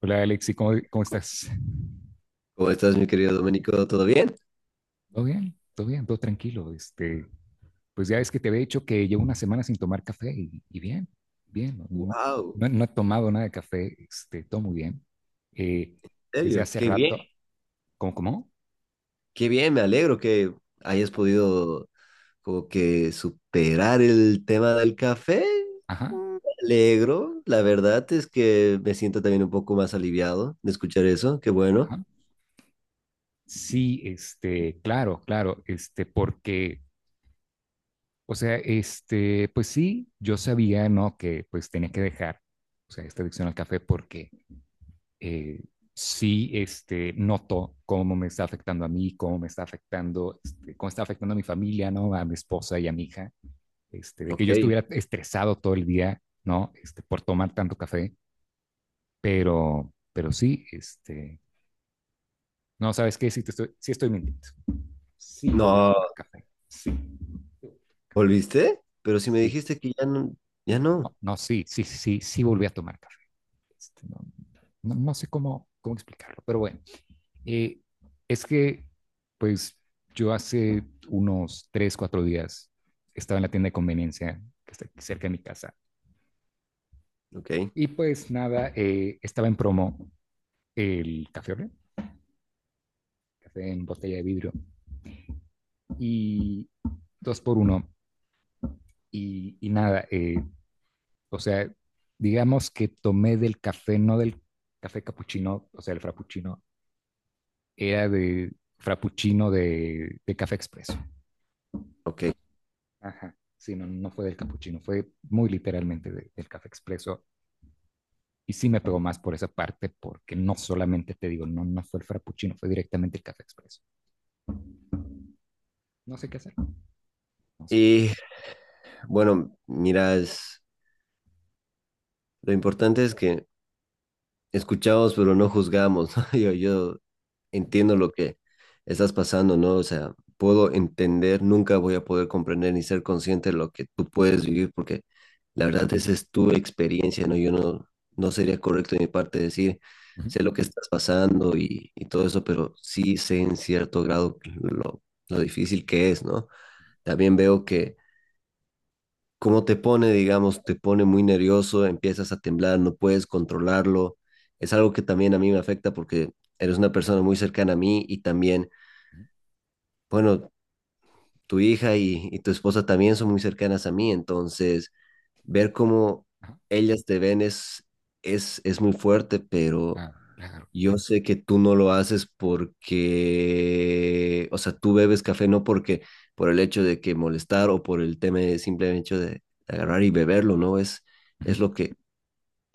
Hola Alexi, ¿cómo estás? ¿Cómo estás, mi querido Domenico? ¿Todo bien? ¿Todo bien? ¿Todo bien? ¿Todo tranquilo? Pues ya es que te había dicho que llevo una semana sin tomar café y bien, bien. No, ¡Wow! No he tomado nada de café, todo muy bien. Eh, ¿En desde serio? hace ¡Qué bien! rato. Cómo ¡Qué bien! Me alegro que hayas podido como que superar el tema del café. Ajá, Me alegro. La verdad es que me siento también un poco más aliviado de escuchar eso. ¡Qué bueno! ajá. Sí, claro, claro, porque, o sea, pues sí, yo sabía, ¿no? Que pues tenía que dejar, o sea, esta adicción al café porque eh, sí, noto cómo me está afectando a mí, cómo me está afectando, cómo está afectando a mi familia, ¿no? A mi esposa y a mi hija, de que Ok. yo estuviera estresado todo el día, ¿no? Por tomar tanto café. Pero sí, no, ¿sabes qué? Sí, sí estoy mintiendo. Sí volví a No, tomar café, sí. ¿volviste? Pero si me Sí, dijiste que ya no, ya no. no, no sí volví a tomar café. No, no, no sé cómo explicarlo, pero bueno. Eh, es que, pues, yo hace unos tres, cuatro días estaba en la tienda de conveniencia que está aquí cerca de mi casa. Ok, Y pues nada, estaba en promo el café Oreo, café en botella de vidrio, y dos por uno. Y nada, o sea, digamos que tomé del café, no del café capuchino, o sea, el frappuccino, era de frappuccino de café expreso. ok. Ajá. Sí, no, no fue del capuchino, fue muy literalmente del café expreso. Y sí me pegó más por esa parte, porque no solamente te digo, no, no fue el frappuccino, fue directamente el café expreso. No sé qué hacer, no sé qué hacer. Y bueno, mira, lo importante es que escuchamos, pero no juzgamos, ¿no? Yo entiendo lo que estás pasando, ¿no? O sea, puedo entender, nunca voy a poder comprender ni ser consciente de lo que tú puedes vivir, porque la verdad esa es tu experiencia, ¿no? Yo no, no sería correcto de mi parte decir, Ujú, sé lo que estás pasando y todo eso, pero sí sé en cierto grado lo difícil que es, ¿no? También veo que cómo te pone, digamos, te pone muy nervioso, empiezas a temblar, no puedes controlarlo. Es algo que también a mí me afecta porque eres una persona muy cercana a mí y también, ujú, bueno, tu hija y tu esposa también son muy cercanas a mí, entonces ver cómo ajá, ellas te ven es muy fuerte, pero claro, claro, yo sé que tú no lo haces porque, o sea, tú bebes café no porque por el hecho de que molestar o por el tema de simple hecho de agarrar y beberlo, ¿no? Ujú, Es lo que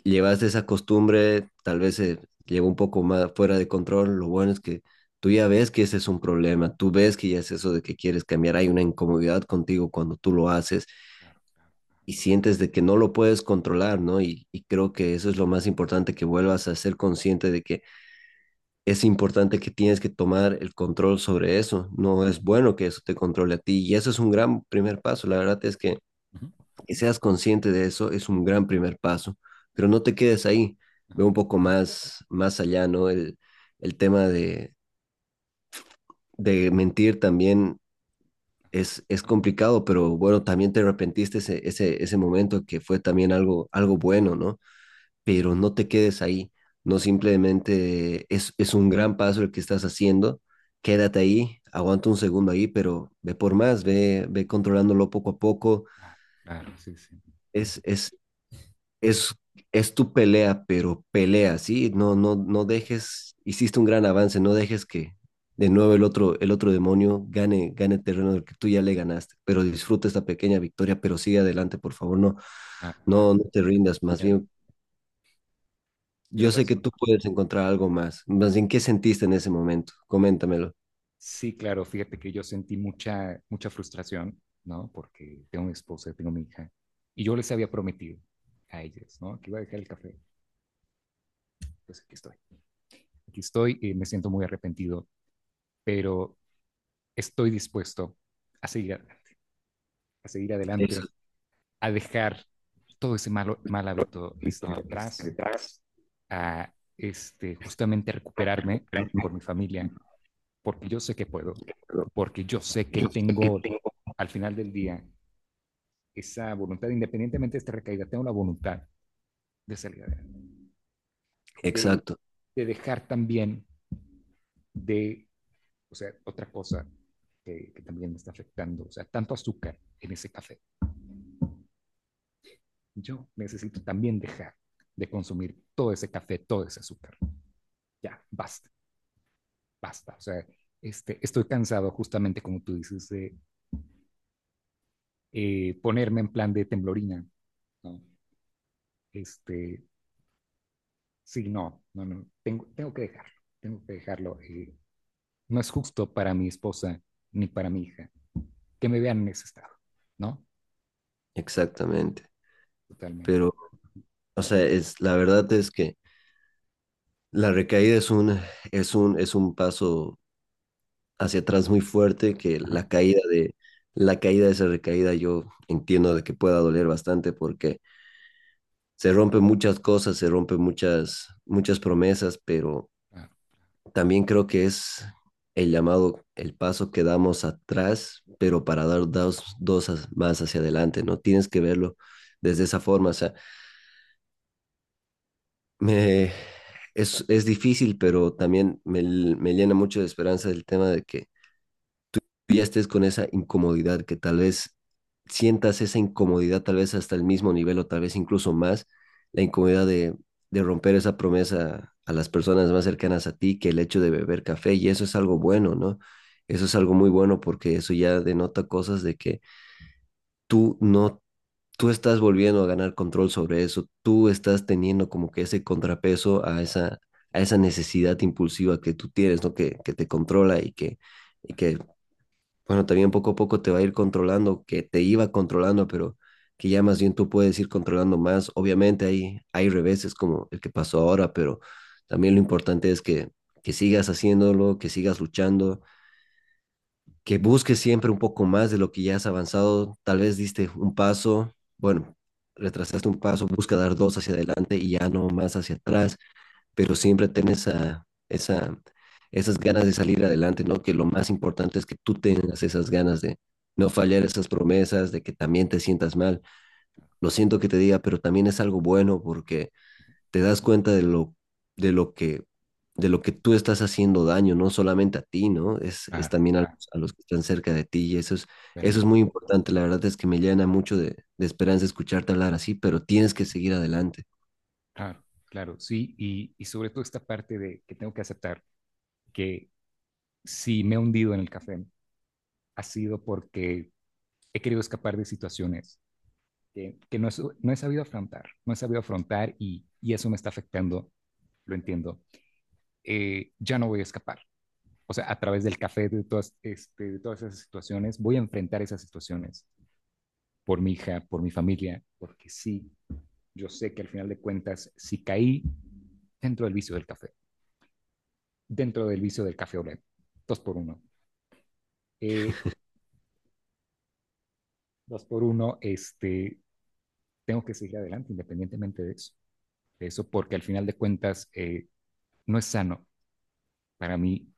llevas de esa costumbre, tal vez se lleva un poco más fuera de control. Lo bueno es que tú ya ves que ese es un problema, tú ves que ya es eso de que quieres cambiar, hay una incomodidad contigo cuando tú lo haces claro, claro, y sientes de que no lo puedes controlar, ¿no? Y creo que eso es lo más importante, que vuelvas a ser consciente de que es importante que tienes que tomar el control sobre eso. No es bueno que eso te controle a ti y eso es un gran primer paso. La verdad es ujú, que seas consciente de eso es un gran primer paso, pero no te quedes ahí. ajá, Ve un poco más, más allá, ¿no? El tema de mentir también ajá, es complicado, pero bueno, también te arrepentiste ese momento que fue también algo, algo bueno, ¿no? Pero no te quedes ahí. No simplemente es un gran paso el que estás haciendo, quédate ahí, aguanta un segundo ahí, pero ve por más, ve controlándolo poco a poco. ah, claro, sí, sí, Es, es, es, es tu pelea, pero pelea, ¿sí? No, no, no dejes, hiciste un gran avance, no dejes que de nuevo el el otro demonio gane, gane terreno del que tú ya le ganaste, pero disfruta esta pequeña victoria, pero sigue adelante, por favor, claro, claro, no te sí, sí. rindas, más Tiene ra- bien tiene yo sé que razón. tú puedes encontrar algo más. Más bien, ¿qué sentiste en ese momento? Coméntamelo. Sí, claro, fíjate que yo sentí mucha, mucha frustración, ¿no? Porque tengo mi esposa, tengo mi hija, y yo les había prometido a ellas, ¿no? Que iba a dejar el café, pues aquí estoy. Aquí estoy y me siento muy arrepentido, pero estoy dispuesto a seguir, a seguir Eso. adelante, a dejar todo ese mal hábito detrás, a justamente recuperarme por mi familia, porque yo sé que puedo, porque yo sé que tengo, al final del día, esa voluntad. Independientemente de esta recaída, tengo la voluntad de salir adelante, de, Exacto, de dejar también de O sea, otra cosa que también me está afectando, o sea, tanto azúcar en ese café. Yo necesito también dejar de consumir todo ese café, todo ese azúcar. Ya, basta, basta. O sea, estoy cansado justamente, como tú dices, de ponerme en plan de temblorina, ¿no? Este, sí, no, no, no, tengo que dejarlo, tengo que dejarlo. No es justo para mi esposa ni para mi hija que me vean en ese estado, ¿no? exactamente. Totalmente. Pero, o sea, es, la verdad es que la recaída es es un paso hacia atrás muy fuerte que Ajá. la caída la caída de esa recaída yo entiendo de que pueda doler bastante porque se rompen muchas cosas, se rompen muchas promesas, pero Claro, también creo que es el llamado, el paso que damos atrás, pero para dar más hacia adelante, ¿no? Tienes que verlo desde esa forma, o sea, me, es difícil, pero también me llena mucho de esperanza el tema de que ya estés con esa incomodidad, que tal vez sientas esa incomodidad, tal vez hasta el mismo nivel o tal vez incluso más, la incomodidad de romper esa promesa a las personas más cercanas a ti que el hecho de beber café y eso es algo bueno, ¿no? Eso es algo muy bueno porque eso ya denota cosas de que tú no, tú estás volviendo a ganar control sobre eso, tú estás teniendo como que ese contrapeso a a esa necesidad impulsiva que tú tienes, ¿no? Que te controla y que bueno, también poco a poco te va a ir controlando, que te iba controlando, pero que ya más bien tú puedes ir controlando más. Obviamente hay reveses como el que pasó ahora, pero también lo importante es que sigas haciéndolo, que sigas luchando, que busques siempre un poco más de lo que ya has avanzado. Tal vez diste un paso, bueno, retrasaste un paso, busca dar dos hacia adelante y ya no más hacia atrás, pero siempre ten esas ganas de salir adelante, ¿no? Que lo más importante es que tú tengas esas ganas de no fallar esas promesas, de que también te sientas mal. claro, Lo siento que te diga, pero también es algo bueno porque te das cuenta de lo que de lo que tú estás haciendo daño, no solamente a ti, ¿no? Es claro, también a claro, a los que están cerca de ti y eso eso es totalmente. muy importante. La verdad es que me llena mucho de esperanza escucharte hablar así, pero tienes que seguir adelante. Claro, claro, sí, y sobre todo esta parte de que tengo que aceptar que si me he hundido en el café ha sido porque he querido escapar de situaciones que no, no he sabido afrontar, no he sabido afrontar, y eso me está afectando, lo entiendo. Ya no voy a escapar. O sea, a través del café, de todas, de todas esas situaciones, voy a enfrentar esas situaciones por mi hija, por mi familia, porque sí, yo sé que al final de cuentas, si caí dentro del vicio del café, dentro del vicio del café olé. Dos por uno. Eh, Dos por uno, tengo que seguir adelante independientemente de eso, porque al final de cuentas, no es sano para mí.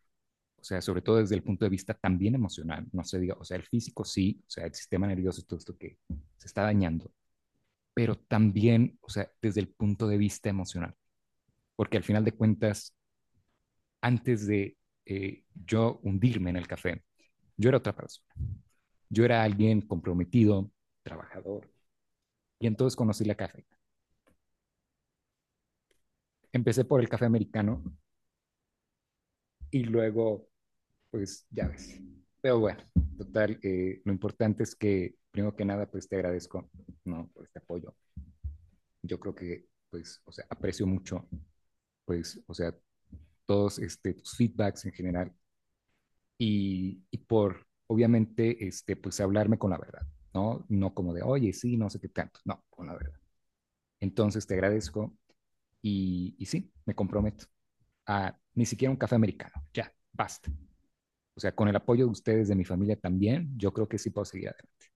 O sea, sobre todo desde el punto de vista también emocional, no se diga, o sea, el físico sí, o sea, el sistema nervioso, todo esto que se está dañando. Pero también, o sea, desde el punto de vista emocional, porque al final de cuentas, antes de yo hundirme en el café, yo era otra persona, yo era alguien comprometido, trabajador. Y entonces conocí la café. Empecé por el café americano y luego, pues ya ves. Pero bueno, total, lo importante es que, primero que nada, pues te agradezco, ¿no? Por este apoyo. Yo creo que, pues, o sea, aprecio mucho, pues, o sea, todos tus feedbacks en general, y por, obviamente, pues hablarme con la verdad, ¿no? No como de, oye, sí, no sé qué tanto, no, con la verdad. Entonces te agradezco, y sí, me comprometo a ni siquiera un café americano, ya, basta. O sea, con el apoyo de ustedes, de mi familia también, yo creo que sí puedo seguir adelante.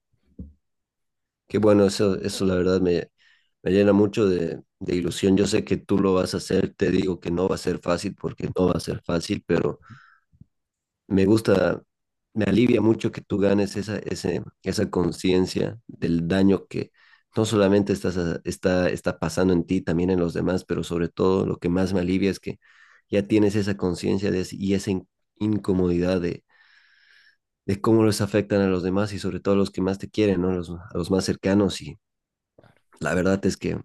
Qué bueno, eso la verdad me llena mucho de ilusión. Yo sé que tú lo vas a hacer, te digo que no va a ser fácil porque no va a ser fácil, pero me gusta, me alivia mucho que tú ganes esa conciencia del daño que no solamente está pasando en ti, también en los demás, pero sobre todo lo que más me alivia es que ya tienes esa conciencia de y esa incomodidad de cómo los afectan a los demás y sobre todo a los que más te quieren, ¿no? A los más cercanos y Claro. la verdad es que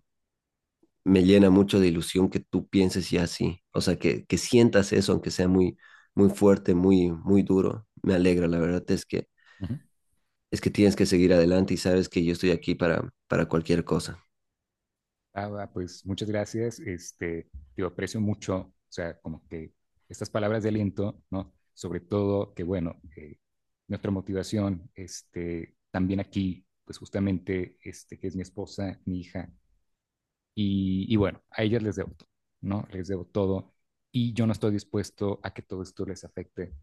me llena mucho de ilusión que tú pienses ya así, o sea, que sientas eso, aunque sea muy, muy fuerte, muy, muy duro. Me alegra, la verdad es Uh -huh. es que tienes que seguir adelante y sabes que yo estoy aquí para cualquier cosa. Ah, pues muchas gracias. Te aprecio mucho, o sea, como que estas palabras de aliento, ¿no? Sobre todo que, bueno, nuestra motivación, también aquí, pues justamente, que es mi esposa, mi hija, y bueno, a ellas les debo todo, ¿no? Les debo todo, y yo no estoy dispuesto a que todo esto les afecte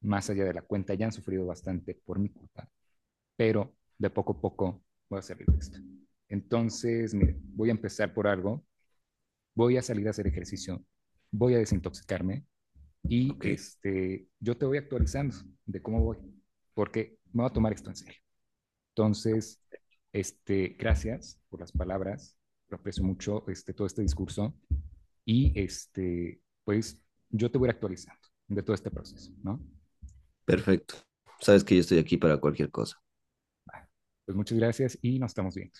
más allá de la cuenta. Ya han sufrido bastante por mi culpa, pero de poco a poco voy a salir de esto. Entonces, mire, voy a empezar por algo, voy a salir a hacer ejercicio, voy a desintoxicarme, y Ok, yo te voy actualizando de cómo voy, porque me voy a tomar esto en serio. Entonces, gracias por las palabras, lo aprecio mucho, todo este discurso, y pues yo te voy a ir actualizando de todo este proceso, ¿no? perfecto. Sabes que yo estoy aquí para cualquier cosa. Vale, pues muchas gracias y nos estamos viendo.